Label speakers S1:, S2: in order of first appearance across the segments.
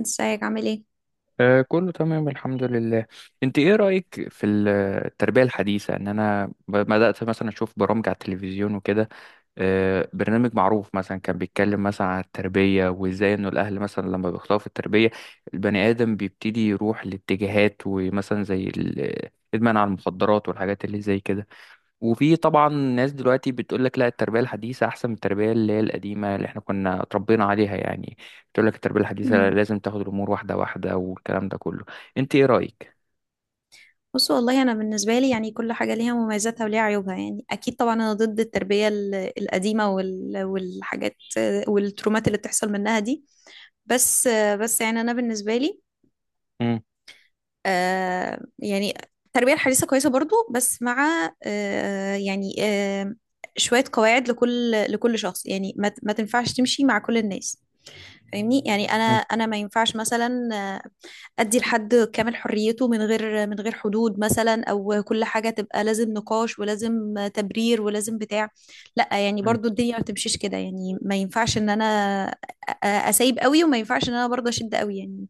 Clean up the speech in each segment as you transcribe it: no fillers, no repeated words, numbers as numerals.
S1: ازيك عامل ايه؟
S2: كله تمام الحمد لله. انت ايه رأيك في التربية الحديثة؟ ان انا بدأت مثلا اشوف برامج على التلفزيون وكده. برنامج معروف مثلا كان بيتكلم مثلا عن التربية وازاي انه الاهل مثلا لما بيخطئوا في التربية البني ادم بيبتدي يروح لاتجاهات، ومثلا زي الادمان على المخدرات والحاجات اللي زي كده. وفي طبعا ناس دلوقتي بتقول لك لا، التربية الحديثة أحسن من التربية اللي هي القديمة اللي احنا كنا اتربينا عليها يعني. بتقول لك التربية الحديثة
S1: امم
S2: لازم تاخد الأمور واحدة واحدة والكلام ده كله. أنت إيه رأيك؟
S1: بص والله انا بالنسبه لي يعني كل حاجه ليها مميزاتها وليها عيوبها. يعني اكيد طبعا انا ضد التربيه القديمه والحاجات والترومات اللي بتحصل منها دي. بس بس يعني انا بالنسبه لي،
S2: مم،
S1: يعني التربيه الحديثه كويسه برضو، بس مع شويه قواعد لكل شخص. يعني ما تنفعش تمشي مع كل الناس. فاهمني؟ يعني انا
S2: مم،
S1: انا ما ينفعش مثلا ادي لحد كامل حريته من غير حدود مثلا، او كل حاجه تبقى لازم نقاش ولازم تبرير ولازم بتاع. لا يعني،
S2: مم،
S1: برضو الدنيا ما بتمشيش كده. يعني ما ينفعش ان انا اسيب قوي، وما ينفعش ان انا برضو اشد قوي يعني.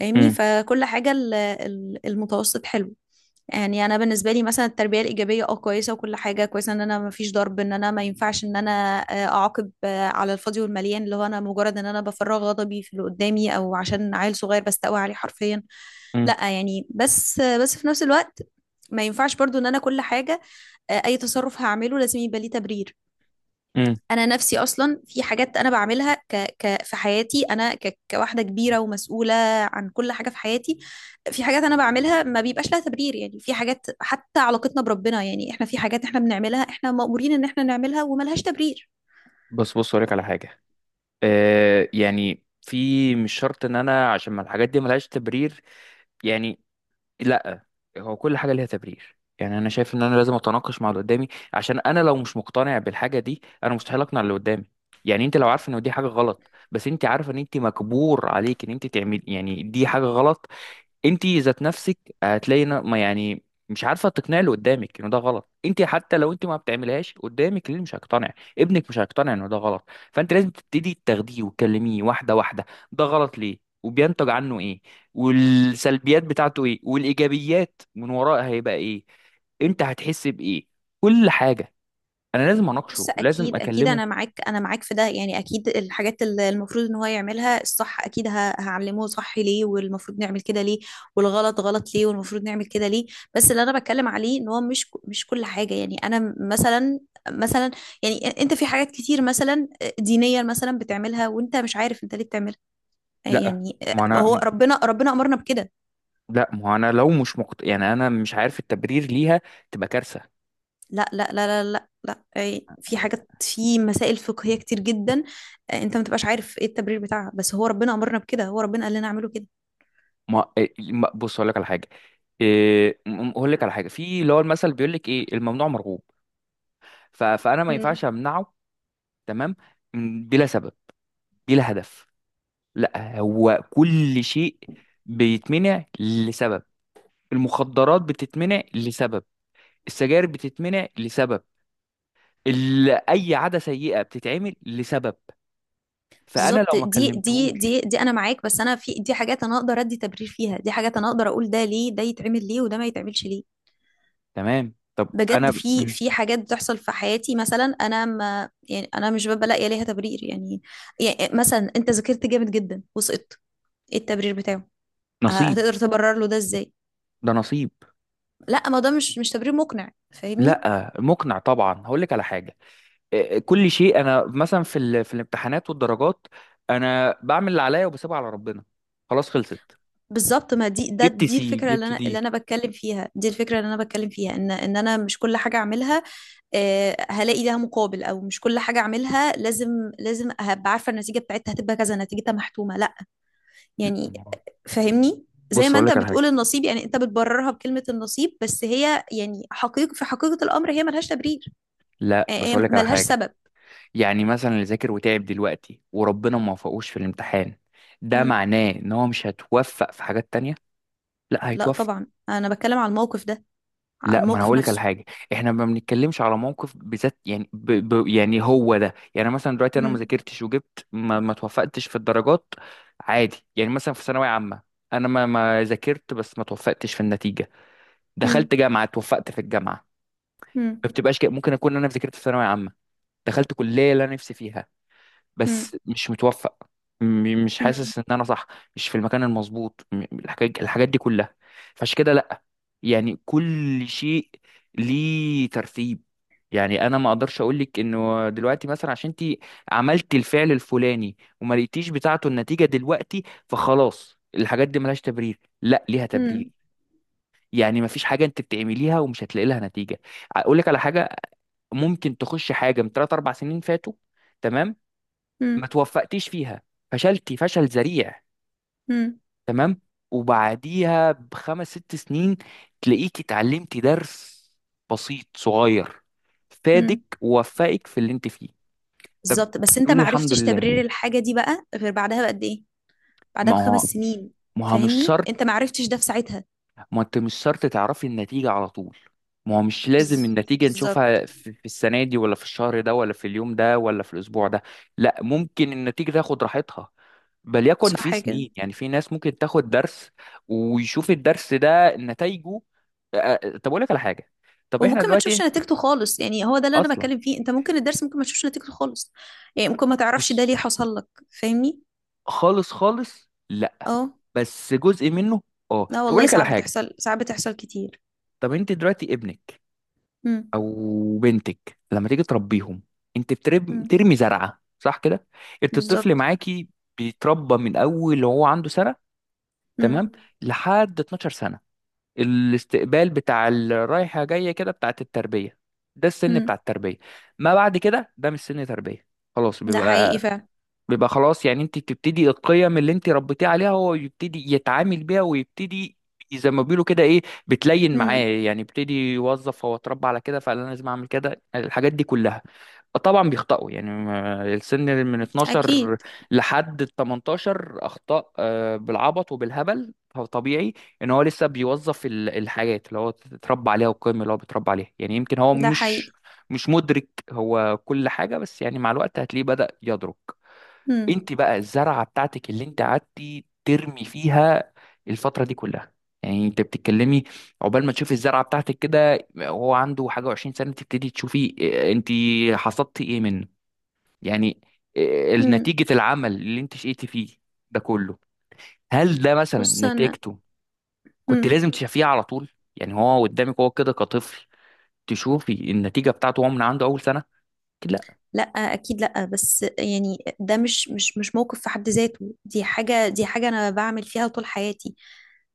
S1: فاهمني؟
S2: مم،
S1: فكل حاجه المتوسط حلو. يعني انا بالنسبه لي مثلا التربيه الايجابيه كويسه، وكل حاجه كويسه ان انا ما فيش ضرب، ان انا ما ينفعش ان انا اعاقب على الفاضي والمليان، اللي هو انا مجرد ان انا بفرغ غضبي في اللي قدامي، او عشان عيل صغير بستقوى عليه حرفيا.
S2: مم،
S1: لا يعني. بس بس في نفس الوقت ما ينفعش برضو ان انا كل حاجه، اي تصرف هعمله لازم يبقى ليه تبرير.
S2: مم.
S1: انا نفسي اصلا في حاجات انا بعملها في حياتي، انا كواحده كبيره ومسؤوله عن كل حاجه في حياتي. في حاجات انا بعملها ما بيبقاش لها تبرير. يعني في حاجات، حتى علاقتنا بربنا، يعني احنا في حاجات احنا بنعملها احنا مأمورين ان احنا نعملها وملهاش تبرير.
S2: بص بص أقولك على حاجة. يعني في مش شرط إن أنا، عشان ما الحاجات دي ملهاش تبرير، يعني لا، هو كل حاجه ليها تبرير. يعني انا شايف ان انا لازم اتناقش مع اللي قدامي، عشان انا لو مش مقتنع بالحاجه دي انا مستحيل اقنع اللي قدامي. يعني انت لو عارفه ان دي حاجه غلط، بس انت عارفه ان انت مجبور عليك ان انت تعمل، يعني دي حاجه غلط. انت ذات نفسك هتلاقي ما يعني مش عارفه تقنعي اللي قدامك انه ده غلط، انت حتى لو انت ما بتعملهاش قدامك اللي مش هيقتنع ابنك مش هيقتنع انه ده غلط. فانت لازم تبتدي تاخديه وتكلميه واحده واحده، ده غلط ليه وبينتج عنه ايه، والسلبيات بتاعته ايه والايجابيات من وراء هيبقى ايه، انت هتحس بايه، كل حاجه. انا لازم
S1: بص،
S2: اناقشه ولازم
S1: اكيد اكيد
S2: اكلمه.
S1: انا معاك، انا معاك في ده. يعني اكيد الحاجات اللي المفروض ان هو يعملها الصح اكيد هعلمه صح ليه، والمفروض نعمل كده ليه، والغلط غلط ليه والمفروض نعمل كده ليه. بس اللي انا بتكلم عليه ان هو مش مش كل حاجة. يعني انا مثلا، مثلا يعني انت في حاجات كتير مثلا دينيا مثلا بتعملها وانت مش عارف انت ليه بتعملها.
S2: لا. ما
S1: هو
S2: انا
S1: ربنا امرنا بكده.
S2: ما انا لو مش يعني انا مش عارف التبرير ليها تبقى كارثه.
S1: لا لا لا لا لا لا، إيه، في حاجات، في مسائل فقهية كتير جدا انت ما تبقاش عارف ايه التبرير بتاعها، بس هو ربنا امرنا بكده، هو ربنا قال لنا اعمله كده.
S2: ما إيه- ما- بص اقول لك على حاجه. اقول لك على حاجه، في اللي هو المثل بيقول لك ايه؟ الممنوع مرغوب. فانا ما
S1: مم.
S2: ينفعش امنعه. تمام، بلا سبب، بلا هدف. لا، هو كل شيء بيتمنع لسبب. المخدرات بتتمنع لسبب، السجاير بتتمنع لسبب، اي عاده سيئه بتتعمل لسبب. فانا لو
S1: بالظبط.
S2: ما
S1: دي دي
S2: كلمتهوش.
S1: دي دي انا معاك. بس انا في دي حاجات انا اقدر ادي تبرير فيها، دي حاجات انا اقدر اقول ده ليه ده يتعمل ليه وده ما يتعملش ليه.
S2: تمام. طب
S1: بجد
S2: انا
S1: في
S2: م-
S1: في حاجات بتحصل في حياتي مثلا، انا ما، يعني انا مش ببقى لاقيه ليها تبرير يعني. يعني مثلا انت ذاكرت جامد جدا وسقطت، ايه التبرير بتاعه؟
S2: نصيب.
S1: هتقدر تبرر له ده ازاي؟
S2: ده نصيب.
S1: لا، ما ده مش تبرير مقنع. فاهمني؟
S2: لا مقنع طبعا. هقول لك على حاجه. كل شيء، انا مثلا في في الامتحانات والدرجات انا بعمل اللي عليا وبسيبها على ربنا. خلاص خلصت.
S1: بالظبط. ما دي، ده
S2: جبت
S1: دي
S2: سي
S1: الفكره اللي
S2: جبت
S1: انا
S2: دي.
S1: اللي انا بتكلم فيها، دي الفكره اللي انا بتكلم فيها، ان انا مش كل حاجه اعملها هلاقي لها مقابل، او مش كل حاجه اعملها لازم هبقى عارفه النتيجه بتاعتها هتبقى كذا، نتيجتها محتومه. لا
S2: لا،
S1: يعني.
S2: ما-
S1: فاهمني؟ زي
S2: بص
S1: ما
S2: اقول
S1: انت
S2: لك على
S1: بتقول
S2: حاجه.
S1: النصيب، يعني انت بتبررها بكلمه النصيب، بس هي يعني حقيقة، في حقيقه الامر هي ملهاش تبرير،
S2: لا بس
S1: هي
S2: اقول لك على
S1: ملهاش
S2: حاجه.
S1: سبب.
S2: يعني مثلا اللي ذاكر وتعب دلوقتي وربنا ما وفقوش في الامتحان ده
S1: مم.
S2: معناه ان هو مش هتوفق في حاجات تانية؟ لا
S1: لا
S2: هيتوفق.
S1: طبعا انا بتكلم على الموقف ده، على
S2: لا، ما انا
S1: الموقف
S2: هقول لك على
S1: نفسه.
S2: حاجه. احنا ما بنتكلمش على موقف بذات، يعني يعني هو ده. يعني مثلا دلوقتي انا ما
S1: مم.
S2: ذاكرتش وجبت ما توفقتش في الدرجات، عادي. يعني مثلا في ثانويه عامه انا ما ذاكرت بس ما توفقتش في النتيجه،
S1: مم.
S2: دخلت جامعه توفقت في الجامعه.
S1: مم.
S2: ما بتبقاش كده، ممكن اكون انا ذاكرت في ثانويه عامه دخلت كليه اللي انا نفسي فيها
S1: مم.
S2: بس مش متوفق، مش
S1: مم.
S2: حاسس ان انا صح، مش في المكان المظبوط، الحاجات، الحاجات دي كلها. فعشان كده لا، يعني كل شيء ليه ترتيب. يعني انا ما اقدرش اقول لك انه دلوقتي مثلا عشان انت عملت الفعل الفلاني وما لقيتيش بتاعته النتيجه دلوقتي، فخلاص الحاجات دي ملهاش تبرير. لا ليها تبرير.
S1: مم.
S2: يعني ما فيش حاجه انت بتعمليها ومش هتلاقي لها نتيجه. اقول لك على حاجه، ممكن تخش حاجه من 3 4 سنين فاتوا، تمام، ما
S1: مم.
S2: توفقتيش فيها، فشلتي فشل ذريع،
S1: مم.
S2: تمام، وبعديها بخمس ست سنين تلاقيك اتعلمتي درس بسيط صغير
S1: مم.
S2: فادك ووفقك في اللي انت فيه. طب
S1: بالظبط. بس انت
S2: تقولي
S1: ما
S2: الحمد
S1: عرفتش
S2: لله.
S1: تبرير الحاجه دي بقى غير بعدها بقد ايه؟ بعدها
S2: ما
S1: بخمس
S2: هو
S1: سنين.
S2: ما هو مش
S1: فاهمني؟
S2: شرط.
S1: انت ما عرفتش ده في ساعتها.
S2: ما انت مش شرط تعرفي النتيجة على طول. ما هو مش لازم
S1: بز-
S2: النتيجة
S1: بالظبط.
S2: نشوفها في في السنة دي ولا في الشهر ده ولا في اليوم ده ولا في الأسبوع ده. لا ممكن النتيجة تاخد راحتها، بل يكن في
S1: صح كده.
S2: سنين. يعني في ناس ممكن تاخد درس ويشوف الدرس ده نتائجه. طب اقول لك على حاجه. طب احنا
S1: وممكن ما تشوفش
S2: دلوقتي
S1: نتيجته خالص. يعني هو ده اللي انا
S2: اصلا.
S1: بتكلم فيه، انت ممكن الدرس ممكن ما تشوفش نتيجته خالص. يعني ممكن ما تعرفش
S2: بص.
S1: ده ليه حصل لك. فاهمني؟
S2: خالص خالص لا،
S1: اه.
S2: بس جزء منه. اه طب
S1: لا
S2: اقول
S1: والله،
S2: لك على
S1: ساعات
S2: حاجه.
S1: بتحصل، ساعات بتحصل كتير.
S2: طب انت دلوقتي ابنك
S1: مم.
S2: او بنتك لما تيجي تربيهم، انت
S1: مم.
S2: بترمي زرعه صح كده. انت الطفل
S1: بالظبط.
S2: معاكي بيتربى من اول وهو عنده سنه،
S1: مم.
S2: تمام، لحد 12 سنه. الاستقبال بتاع الرايحة جاية كده بتاعت التربية، ده السن بتاع
S1: مم.
S2: التربية. ما بعد كده ده مش سن تربية، خلاص
S1: ده حقيقي
S2: بيبقى،
S1: فعلا.
S2: بيبقى خلاص. يعني انت بتبتدي القيم اللي انت ربيتيه عليها هو يبتدي يتعامل بيها ويبتدي، زي ما بيقولوا كده ايه، بتلين معاه.
S1: مم.
S2: يعني يبتدي يوظف، هو اتربى على كده فانا لازم اعمل كده، الحاجات دي كلها. طبعا بيخطئوا، يعني السن من
S1: اكيد
S2: 12 لحد ال 18 اخطاء، بالعبط وبالهبل. فطبيعي ان هو لسه بيوظف الحاجات اللي هو اتربى عليها والقيم اللي هو بيتربى عليها. يعني يمكن هو
S1: ده
S2: مش
S1: حقيقي.
S2: مش مدرك هو كل حاجة، بس يعني مع الوقت هتلاقيه بدأ يدرك.
S1: مم.
S2: انت بقى الزرعه بتاعتك اللي انت قعدتي ترمي فيها الفتره دي كلها، يعني انت بتتكلمي، عقبال ما تشوفي الزرعه بتاعتك كده وهو عنده حاجه وعشرين سنه تبتدي تشوفي، انت حصدتي ايه منه يعني، اه،
S1: مم.
S2: نتيجه العمل اللي انت شقيتي فيه ده كله. هل ده مثلا
S1: بص انا.
S2: نتيجته كنت
S1: مم.
S2: لازم تشوفيها على طول؟ يعني هو قدامك هو كده كطفل تشوفي النتيجه بتاعته هو من عنده اول سنه؟ اكيد لا.
S1: لا اكيد لا. بس يعني ده مش موقف في حد ذاته. دي حاجه، انا بعمل فيها طول حياتي.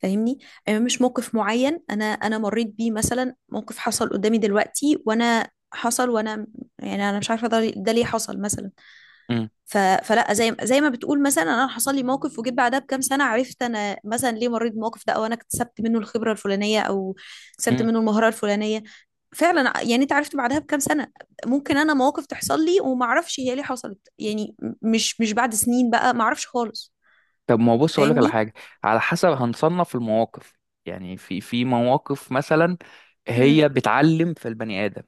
S1: فاهمني؟ يعني مش موقف معين انا مريت بيه، مثلا موقف حصل قدامي دلوقتي، وانا حصل وانا، يعني انا مش عارفه ده ليه حصل مثلا.
S2: امم.
S1: فلا، زي ما بتقول مثلا انا حصل لي موقف، وجيت بعدها بكام سنه عرفت انا مثلا ليه مريت بالموقف ده، او انا اكتسبت منه الخبره الفلانيه، او اكتسبت منه المهاره الفلانيه. فعلا يعني انت عرفت بعدها بكام سنه. ممكن انا مواقف تحصل لي وما اعرفش هي ليه حصلت يعني، مش بعد سنين بقى، ما اعرفش خالص.
S2: طب ما هو بص اقول لك على
S1: فاهمني؟
S2: حاجه، على حسب هنصنف المواقف. يعني في في مواقف مثلا
S1: مم.
S2: هي بتعلم في البني ادم،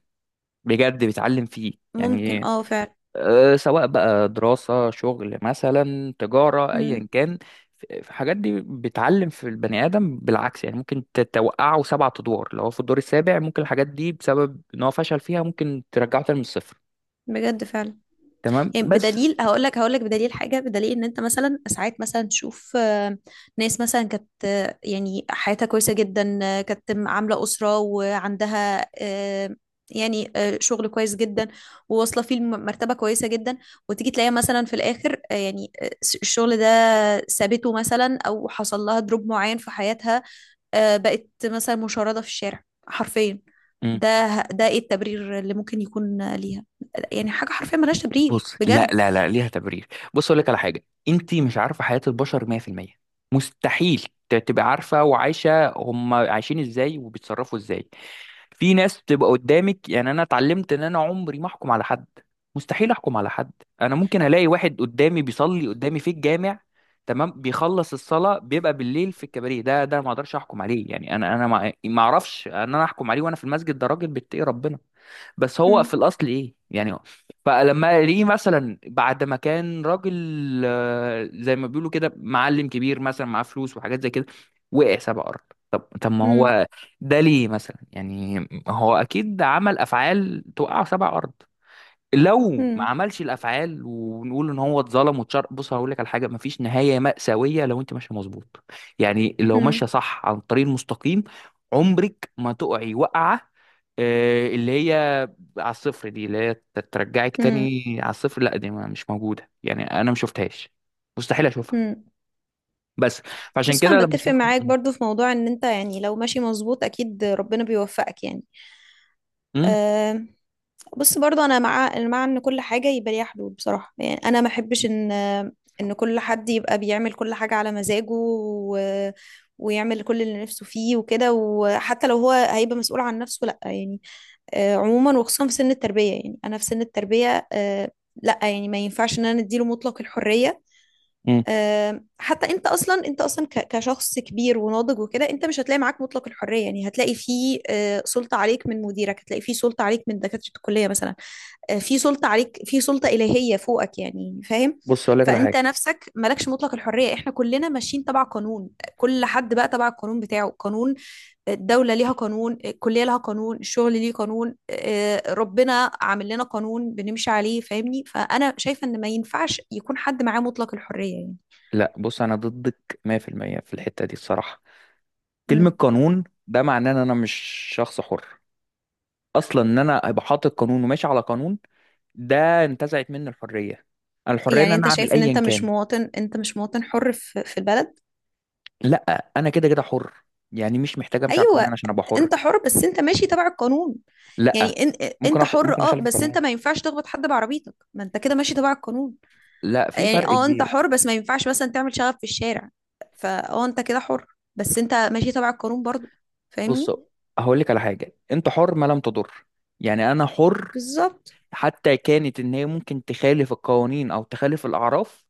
S2: بجد بتعلم فيه،
S1: ممكن
S2: يعني
S1: اه فعلا.
S2: سواء بقى دراسه شغل مثلا تجاره
S1: مم.
S2: ايا كان، في في حاجات دي بتعلم في البني ادم. بالعكس يعني ممكن توقعه سبعة ادوار، لو هو في الدور السابع ممكن الحاجات دي بسبب ان هو فشل فيها ممكن ترجعه تاني من الصفر.
S1: بجد فعلا.
S2: تمام
S1: يعني
S2: بس.
S1: بدليل، هقول لك بدليل حاجه، بدليل ان انت مثلا ساعات مثلا تشوف ناس مثلا كانت يعني حياتها كويسه جدا، كانت عامله اسره وعندها شغل كويس جدا، وواصله فيه مرتبه كويسه جدا، وتيجي تلاقيها مثلا في الاخر الشغل ده سابته مثلا، او حصل لها دروب معين في حياتها، بقت مثلا مشردة في الشارع حرفيا. ده ده ايه التبرير اللي ممكن يكون ليها؟ يعني حاجة حرفيا ملهاش تبرير
S2: بص لا
S1: بجد.
S2: لا لا ليها تبرير. بص اقول لك على حاجه، انت مش عارفه حياه البشر 100%، مستحيل تبقى عارفه وعايشه هم عايشين ازاي وبيتصرفوا ازاي. في ناس بتبقى قدامك، يعني انا اتعلمت ان انا عمري ما احكم على حد، مستحيل احكم على حد. انا ممكن الاقي واحد قدامي بيصلي قدامي في الجامع، تمام، بيخلص الصلاه بيبقى بالليل في الكباريه، ده ده ما اقدرش احكم عليه. يعني انا ما اعرفش ان انا احكم عليه وانا في المسجد ده راجل بيتقي ربنا، بس هو في
S1: مم.
S2: الاصل ايه؟ يعني فلما ليه مثلا بعد ما كان راجل، زي ما بيقولوا كده معلم كبير مثلا معاه فلوس وحاجات زي كده، وقع سبع ارض. طب ما
S1: مم.
S2: هو ده ليه مثلا يعني؟ هو اكيد عمل افعال توقع سبع ارض. لو ما
S1: مم.
S2: عملش الافعال ونقول ان هو اتظلم واتشر. بص هقول لك على حاجه، مفيش نهايه مأساويه لو انت ماشيه مظبوط. يعني لو
S1: مم.
S2: ماشيه صح عن الطريق المستقيم عمرك ما تقعي وقعه، اللي هي على الصفر دي اللي هي ترجعك
S1: مم.
S2: تاني على الصفر. لا دي مش موجوده، يعني انا ما شفتهاش، مستحيل اشوفها.
S1: مم.
S2: بس فعشان
S1: بص
S2: كده
S1: انا
S2: لما
S1: بتفق
S2: اشوفها.
S1: معاك برضو في موضوع ان انت يعني لو ماشي مظبوط اكيد ربنا بيوفقك يعني.
S2: امم.
S1: أه. بص برضه، انا مع ان كل حاجه يبقى ليها حدود بصراحه. يعني انا ما احبش ان كل حد يبقى بيعمل كل حاجه على مزاجه، ويعمل كل اللي نفسه فيه وكده، وحتى لو هو هيبقى مسؤول عن نفسه لا يعني. عموما وخصوصا في سن التربيه. يعني انا في سن التربيه لا يعني ما ينفعش ان انا اديله مطلق الحريه.
S2: امم.
S1: حتى انت اصلا، كشخص كبير وناضج وكده، انت مش هتلاقي معاك مطلق الحريه. يعني هتلاقي فيه سلطه عليك من مديرك، هتلاقي فيه سلطه عليك من دكاتره الكليه مثلا، في سلطة عليك، في سلطة إلهية فوقك. يعني فاهم؟
S2: بص اقول لك على
S1: فأنت
S2: حاجه.
S1: نفسك مالكش مطلق الحرية، احنا كلنا ماشيين تبع قانون. كل حد بقى تبع القانون بتاعه: قانون الدولة ليها قانون، الكلية لها قانون، الشغل ليه قانون، ربنا عامل لنا قانون بنمشي عليه. فاهمني؟ فأنا شايفة إن ما ينفعش يكون حد معاه مطلق الحرية يعني.
S2: لا بص انا ضدك 100% في المية في الحته دي الصراحه. كلمة
S1: مم.
S2: قانون ده معناه ان انا مش شخص حر. اصلا ان انا ابقى حاطط قانون وماشي على قانون ده انتزعت مني الحرية. انا الحرية ان
S1: يعني
S2: انا
S1: أنت
S2: اعمل
S1: شايف إن أنت
S2: ايا
S1: مش
S2: كان.
S1: مواطن، حر في البلد؟
S2: لا انا كده كده حر، يعني مش محتاج امشي على القانون
S1: أيوة.
S2: عشان ابقى حر.
S1: انت حر بس انت ماشي تبع القانون.
S2: لا
S1: يعني
S2: ممكن
S1: انت حر
S2: ممكن
S1: اه،
S2: اخالف
S1: بس انت
S2: القانون.
S1: ما ينفعش تخبط حد بعربيتك، ما انت كده ماشي تبع القانون.
S2: لا في
S1: يعني
S2: فرق
S1: اه انت
S2: كبير.
S1: حر، بس ما ينفعش مثلا تعمل شغب في الشارع. فاه انت كده حر، بس انت ماشي تبع القانون برضو.
S2: بص
S1: فاهمني؟
S2: هقول لك على حاجة، انت حر ما لم تضر. يعني انا حر
S1: بالظبط.
S2: حتى كانت ان هي ممكن تخالف القوانين او تخالف الاعراف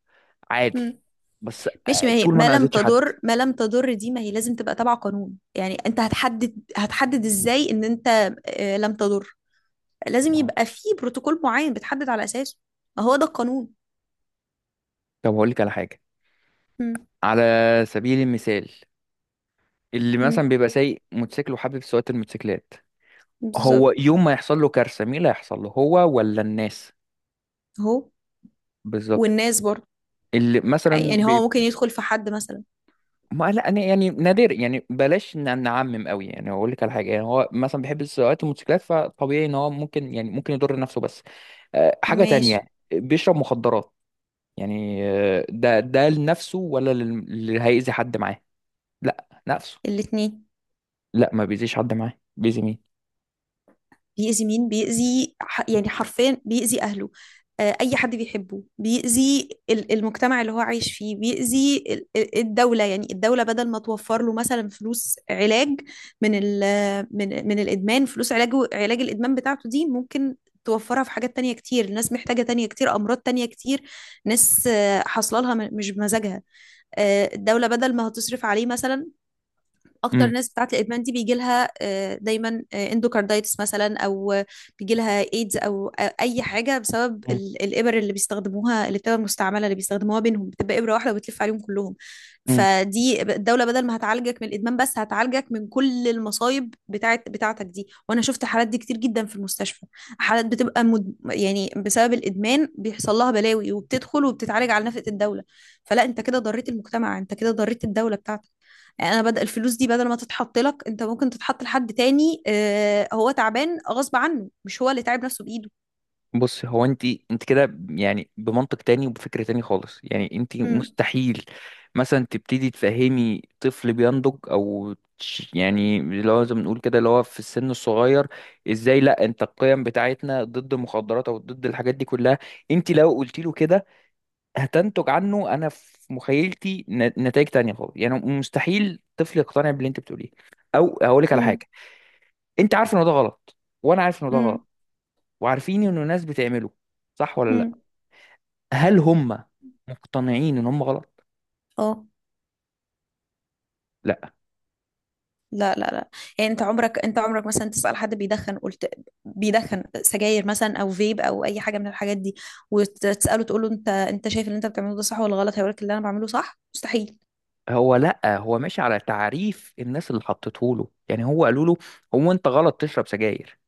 S2: عادي،
S1: مم.
S2: بس
S1: ماشي. ما هي
S2: طول ما
S1: ما
S2: انا
S1: لم
S2: اذيتش حد.
S1: تضر، دي ما هي لازم تبقى تبع قانون. يعني انت هتحدد، ازاي ان انت لم تضر؟ لازم
S2: ما هو-
S1: يبقى في بروتوكول معين بتحدد على اساسه. ما هو ده القانون.
S2: طب هقول لك على حاجة،
S1: مم.
S2: على سبيل المثال، اللي
S1: مم.
S2: مثلا بيبقى سايق موتوسيكل وحابب سواقة الموتوسيكلات، هو
S1: بالظبط.
S2: يوم ما يحصل له كارثة مين اللي هيحصل له؟ هو ولا الناس؟
S1: اهو.
S2: بالظبط.
S1: والناس برضه.
S2: اللي مثلا
S1: يعني هو ممكن يدخل في حد مثلا.
S2: ما لا أنا يعني نادر، يعني بلاش نعمم قوي. يعني اقول لك على حاجه، يعني هو مثلا بيحب سواقه الموتوسيكلات فطبيعي ان هو ممكن، يعني ممكن يضر نفسه. بس حاجه
S1: ماشي.
S2: تانية، بيشرب مخدرات، يعني ده ده لنفسه ولا اللي هيأذي حد معاه؟ لا نفسه.
S1: الاتنين.
S2: لا، ما بيأذيش حد معاه، بيأذي مين؟
S1: بيأذي مين؟ بيأذي يعني حرفيا بيأذي أهله، أي حد بيحبه، بيأذي المجتمع اللي هو عايش فيه، بيأذي الدولة. يعني الدولة بدل ما توفر له مثلا فلوس علاج من من الإدمان، فلوس علاج، الإدمان بتاعته دي، ممكن توفرها في حاجات تانية كتير، ناس محتاجة تانية كتير، أمراض تانية كتير، ناس حاصله لها مش بمزاجها. الدولة بدل ما هتصرف عليه مثلا، اكتر ناس بتاعت الادمان دي بيجي لها دايما اندوكاردايتس مثلا، او بيجي لها ايدز، او اي حاجه بسبب الابر اللي بيستخدموها، الابتداء المستعمله اللي بيستخدموها بينهم بتبقى ابره واحده وبتلف عليهم كلهم.
S2: امم.
S1: فدي الدوله بدل ما هتعالجك من الادمان بس، هتعالجك من كل المصايب بتاعتك دي. وانا شفت حالات دي كتير جدا في المستشفى، حالات بتبقى يعني بسبب الادمان بيحصل لها بلاوي وبتدخل وبتتعالج على نفقه الدوله. فلا، انت كده ضريت المجتمع، انت كده ضريت الدوله بتاعتك. يعني انا بدل الفلوس دي بدل ما تتحط لك، انت ممكن تتحط لحد تاني هو تعبان غصب عنه، مش هو اللي تعب نفسه بايده.
S2: بص هو انت، انت كده يعني بمنطق تاني وبفكر تاني خالص. يعني انت
S1: امم.
S2: مستحيل مثلا تبتدي تفهمي طفل بينضج او يعني اللي هو زي ما بنقول كده اللي هو في السن الصغير، ازاي لا انت القيم بتاعتنا ضد المخدرات او ضد الحاجات دي كلها. انت لو قلت له كده هتنتج عنه، انا في مخيلتي نتائج تانية خالص. يعني مستحيل طفل يقتنع باللي انت بتقوليه. او هقول لك على حاجة،
S1: امم.
S2: انت عارف ان ده غلط، وانا عارف ان ده
S1: امم.
S2: غلط، وعارفين ان الناس بتعمله صح ولا لا؟
S1: امم.
S2: هل هم مقتنعين ان هم غلط؟
S1: اه.
S2: لا.
S1: لا لا لا. يعني انت عمرك، مثلا تسأل حد بيدخن، قلت بيدخن سجاير مثلا او فيب او اي حاجه من الحاجات دي، وتسأله تقول له انت، شايف اللي انت بتعمله ده صح ولا غلط؟ هيقول لك اللي انا بعمله صح. مستحيل.
S2: هو لا هو ماشي على تعريف الناس اللي حطته له. يعني هو قالوا له هو انت غلط تشرب سجاير،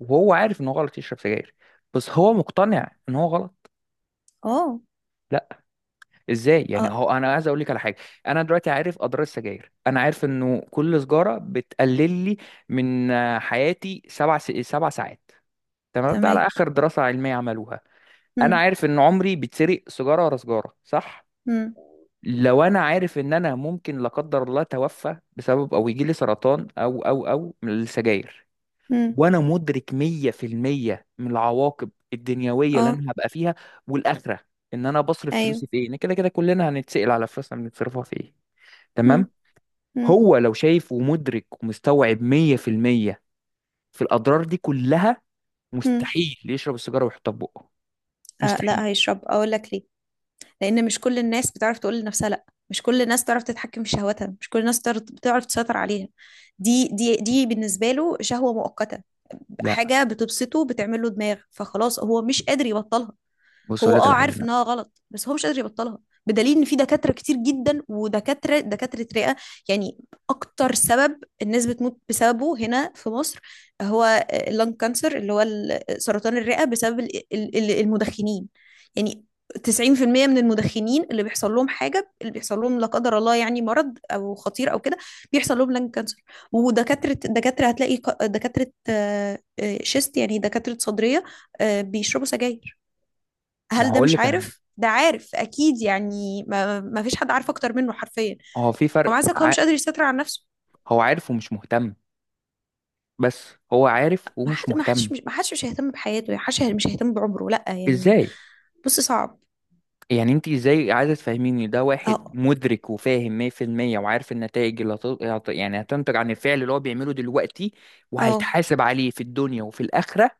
S2: وهو عارف ان هو غلط يشرب سجاير، بس هو مقتنع ان هو غلط؟
S1: اه.
S2: لا. ازاي يعني؟
S1: اه.
S2: هو انا عايز اقول لك على حاجه، انا دلوقتي عارف اضرار السجاير، انا عارف انه كل سجاره بتقلل لي من حياتي سبع ساعات، تمام، ده على
S1: تمام.
S2: اخر دراسه علميه عملوها. انا
S1: امم.
S2: عارف ان عمري بيتسرق سيجاره ورا سيجاره صح.
S1: امم.
S2: لو انا عارف ان انا ممكن لا قدر الله اتوفى بسبب او يجي لي سرطان او من السجاير،
S1: امم.
S2: وانا مدرك 100% من العواقب الدنيويه
S1: اه.
S2: اللي انا هبقى فيها والاخره، ان انا بصرف
S1: ايوه.
S2: فلوسي في ايه، إن كده كده كلنا هنتسال على فلوسنا بنتصرفها في ايه، تمام.
S1: امم. امم.
S2: هو لو شايف ومدرك ومستوعب 100% في المية في الاضرار دي كلها،
S1: امم.
S2: مستحيل يشرب السيجاره ويحطها في بقه،
S1: آه
S2: مستحيل.
S1: لا، هيشرب. اقول لك ليه. لأن مش كل الناس بتعرف تقول لنفسها لأ، مش كل الناس تعرف تتحكم في شهواتها، مش كل الناس تعرف تسيطر عليها. دي بالنسبة له شهوة مؤقتة،
S2: لا
S1: حاجة بتبسطه، بتعمل له دماغ، فخلاص هو مش قادر يبطلها.
S2: بص اقول
S1: هو
S2: لك
S1: اه
S2: على حاجه.
S1: عارف
S2: لا
S1: انها غلط، بس هو مش قادر يبطلها. بدليل ان في دكاتره كتير جدا، ودكاتره رئه. يعني اكتر سبب الناس بتموت بسببه هنا في مصر هو اللنج كانسر، اللي هو سرطان الرئه بسبب المدخنين. يعني 90% من المدخنين اللي بيحصل لهم حاجه، اللي بيحصل لهم لا قدر الله، يعني مرض او خطير او كده، بيحصل لهم لنج كانسر. ودكاتره هتلاقي دكاتره شيست، يعني دكاتره صدريه بيشربوا سجاير.
S2: ما
S1: هل ده
S2: هقول
S1: مش
S2: لك على حاجه،
S1: عارف؟ ده عارف اكيد. يعني ما، ما فيش حد عارف اكتر منه حرفيا.
S2: هو في
S1: هو مع
S2: فرق
S1: ذلك هو مش قادر يسيطر على نفسه.
S2: هو عارف ومش مهتم، بس هو عارف
S1: ما
S2: ومش
S1: حد،
S2: مهتم.
S1: ما حدش مش هيهتم بحياته، ما حدش مش هيهتم بعمره. لا يعني.
S2: ازاي
S1: بص صعب.
S2: يعني؟ انت ازاي عايزه تفهميني ده واحد
S1: اه.
S2: مدرك وفاهم 100% وعارف النتائج اللي يعني هتنتج عن الفعل اللي هو بيعمله دلوقتي،
S1: اه.
S2: وهيتحاسب عليه في الدنيا وفي الآخرة،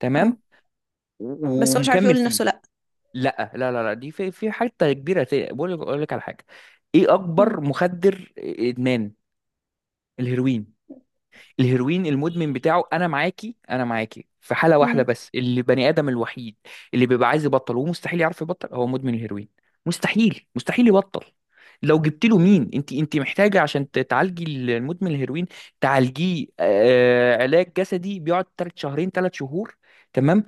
S2: تمام،
S1: اه. بس هو مش عارف
S2: ومكمل
S1: يقول
S2: فيه.
S1: لنفسه لا.
S2: لا دي في في حته كبيره، بقول لك اقول لك على حاجه، ايه
S1: مم.
S2: اكبر مخدر ادمان؟ الهيروين. الهيروين المدمن بتاعه، انا معاكي انا معاكي في حاله واحده
S1: مم.
S2: بس، اللي بني ادم الوحيد اللي بيبقى عايز يبطل ومستحيل يعرف يبطل هو مدمن الهيروين، مستحيل مستحيل يبطل. لو جبت له، مين انت انت محتاجه عشان تعالجي المدمن الهيروين؟ تعالجيه آه علاج جسدي بيقعد تلات شهرين ثلاث شهور، تمام،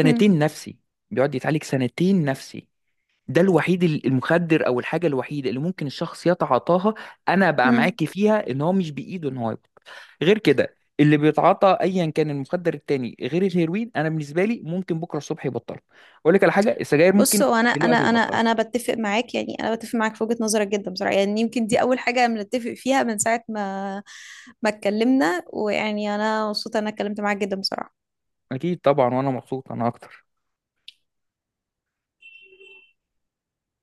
S1: مم.
S2: نفسي، بيقعد يتعالج سنتين نفسي. ده الوحيد المخدر او الحاجه الوحيده اللي ممكن الشخص يتعاطاها انا بقى
S1: مم.
S2: معاكي فيها ان هو مش بايده ان هو يبطل. غير كده اللي بيتعاطى ايا كان المخدر التاني غير الهيروين انا بالنسبه لي ممكن بكره الصبح يبطله. اقول لك على حاجه، السجاير
S1: بص
S2: ممكن
S1: هو انا انا
S2: دلوقتي
S1: انا
S2: يبطلها.
S1: انا بتفق معاك. يعني انا بتفق معاك في وجهة نظرك جدا بصراحة. يعني يمكن دي اول حاجة بنتفق فيها من ساعة ما اتكلمنا. ويعني انا مبسوطة إن انا اتكلمت معاك جدا بصراحة.
S2: اكيد طبعا، وانا مبسوط انا اكتر.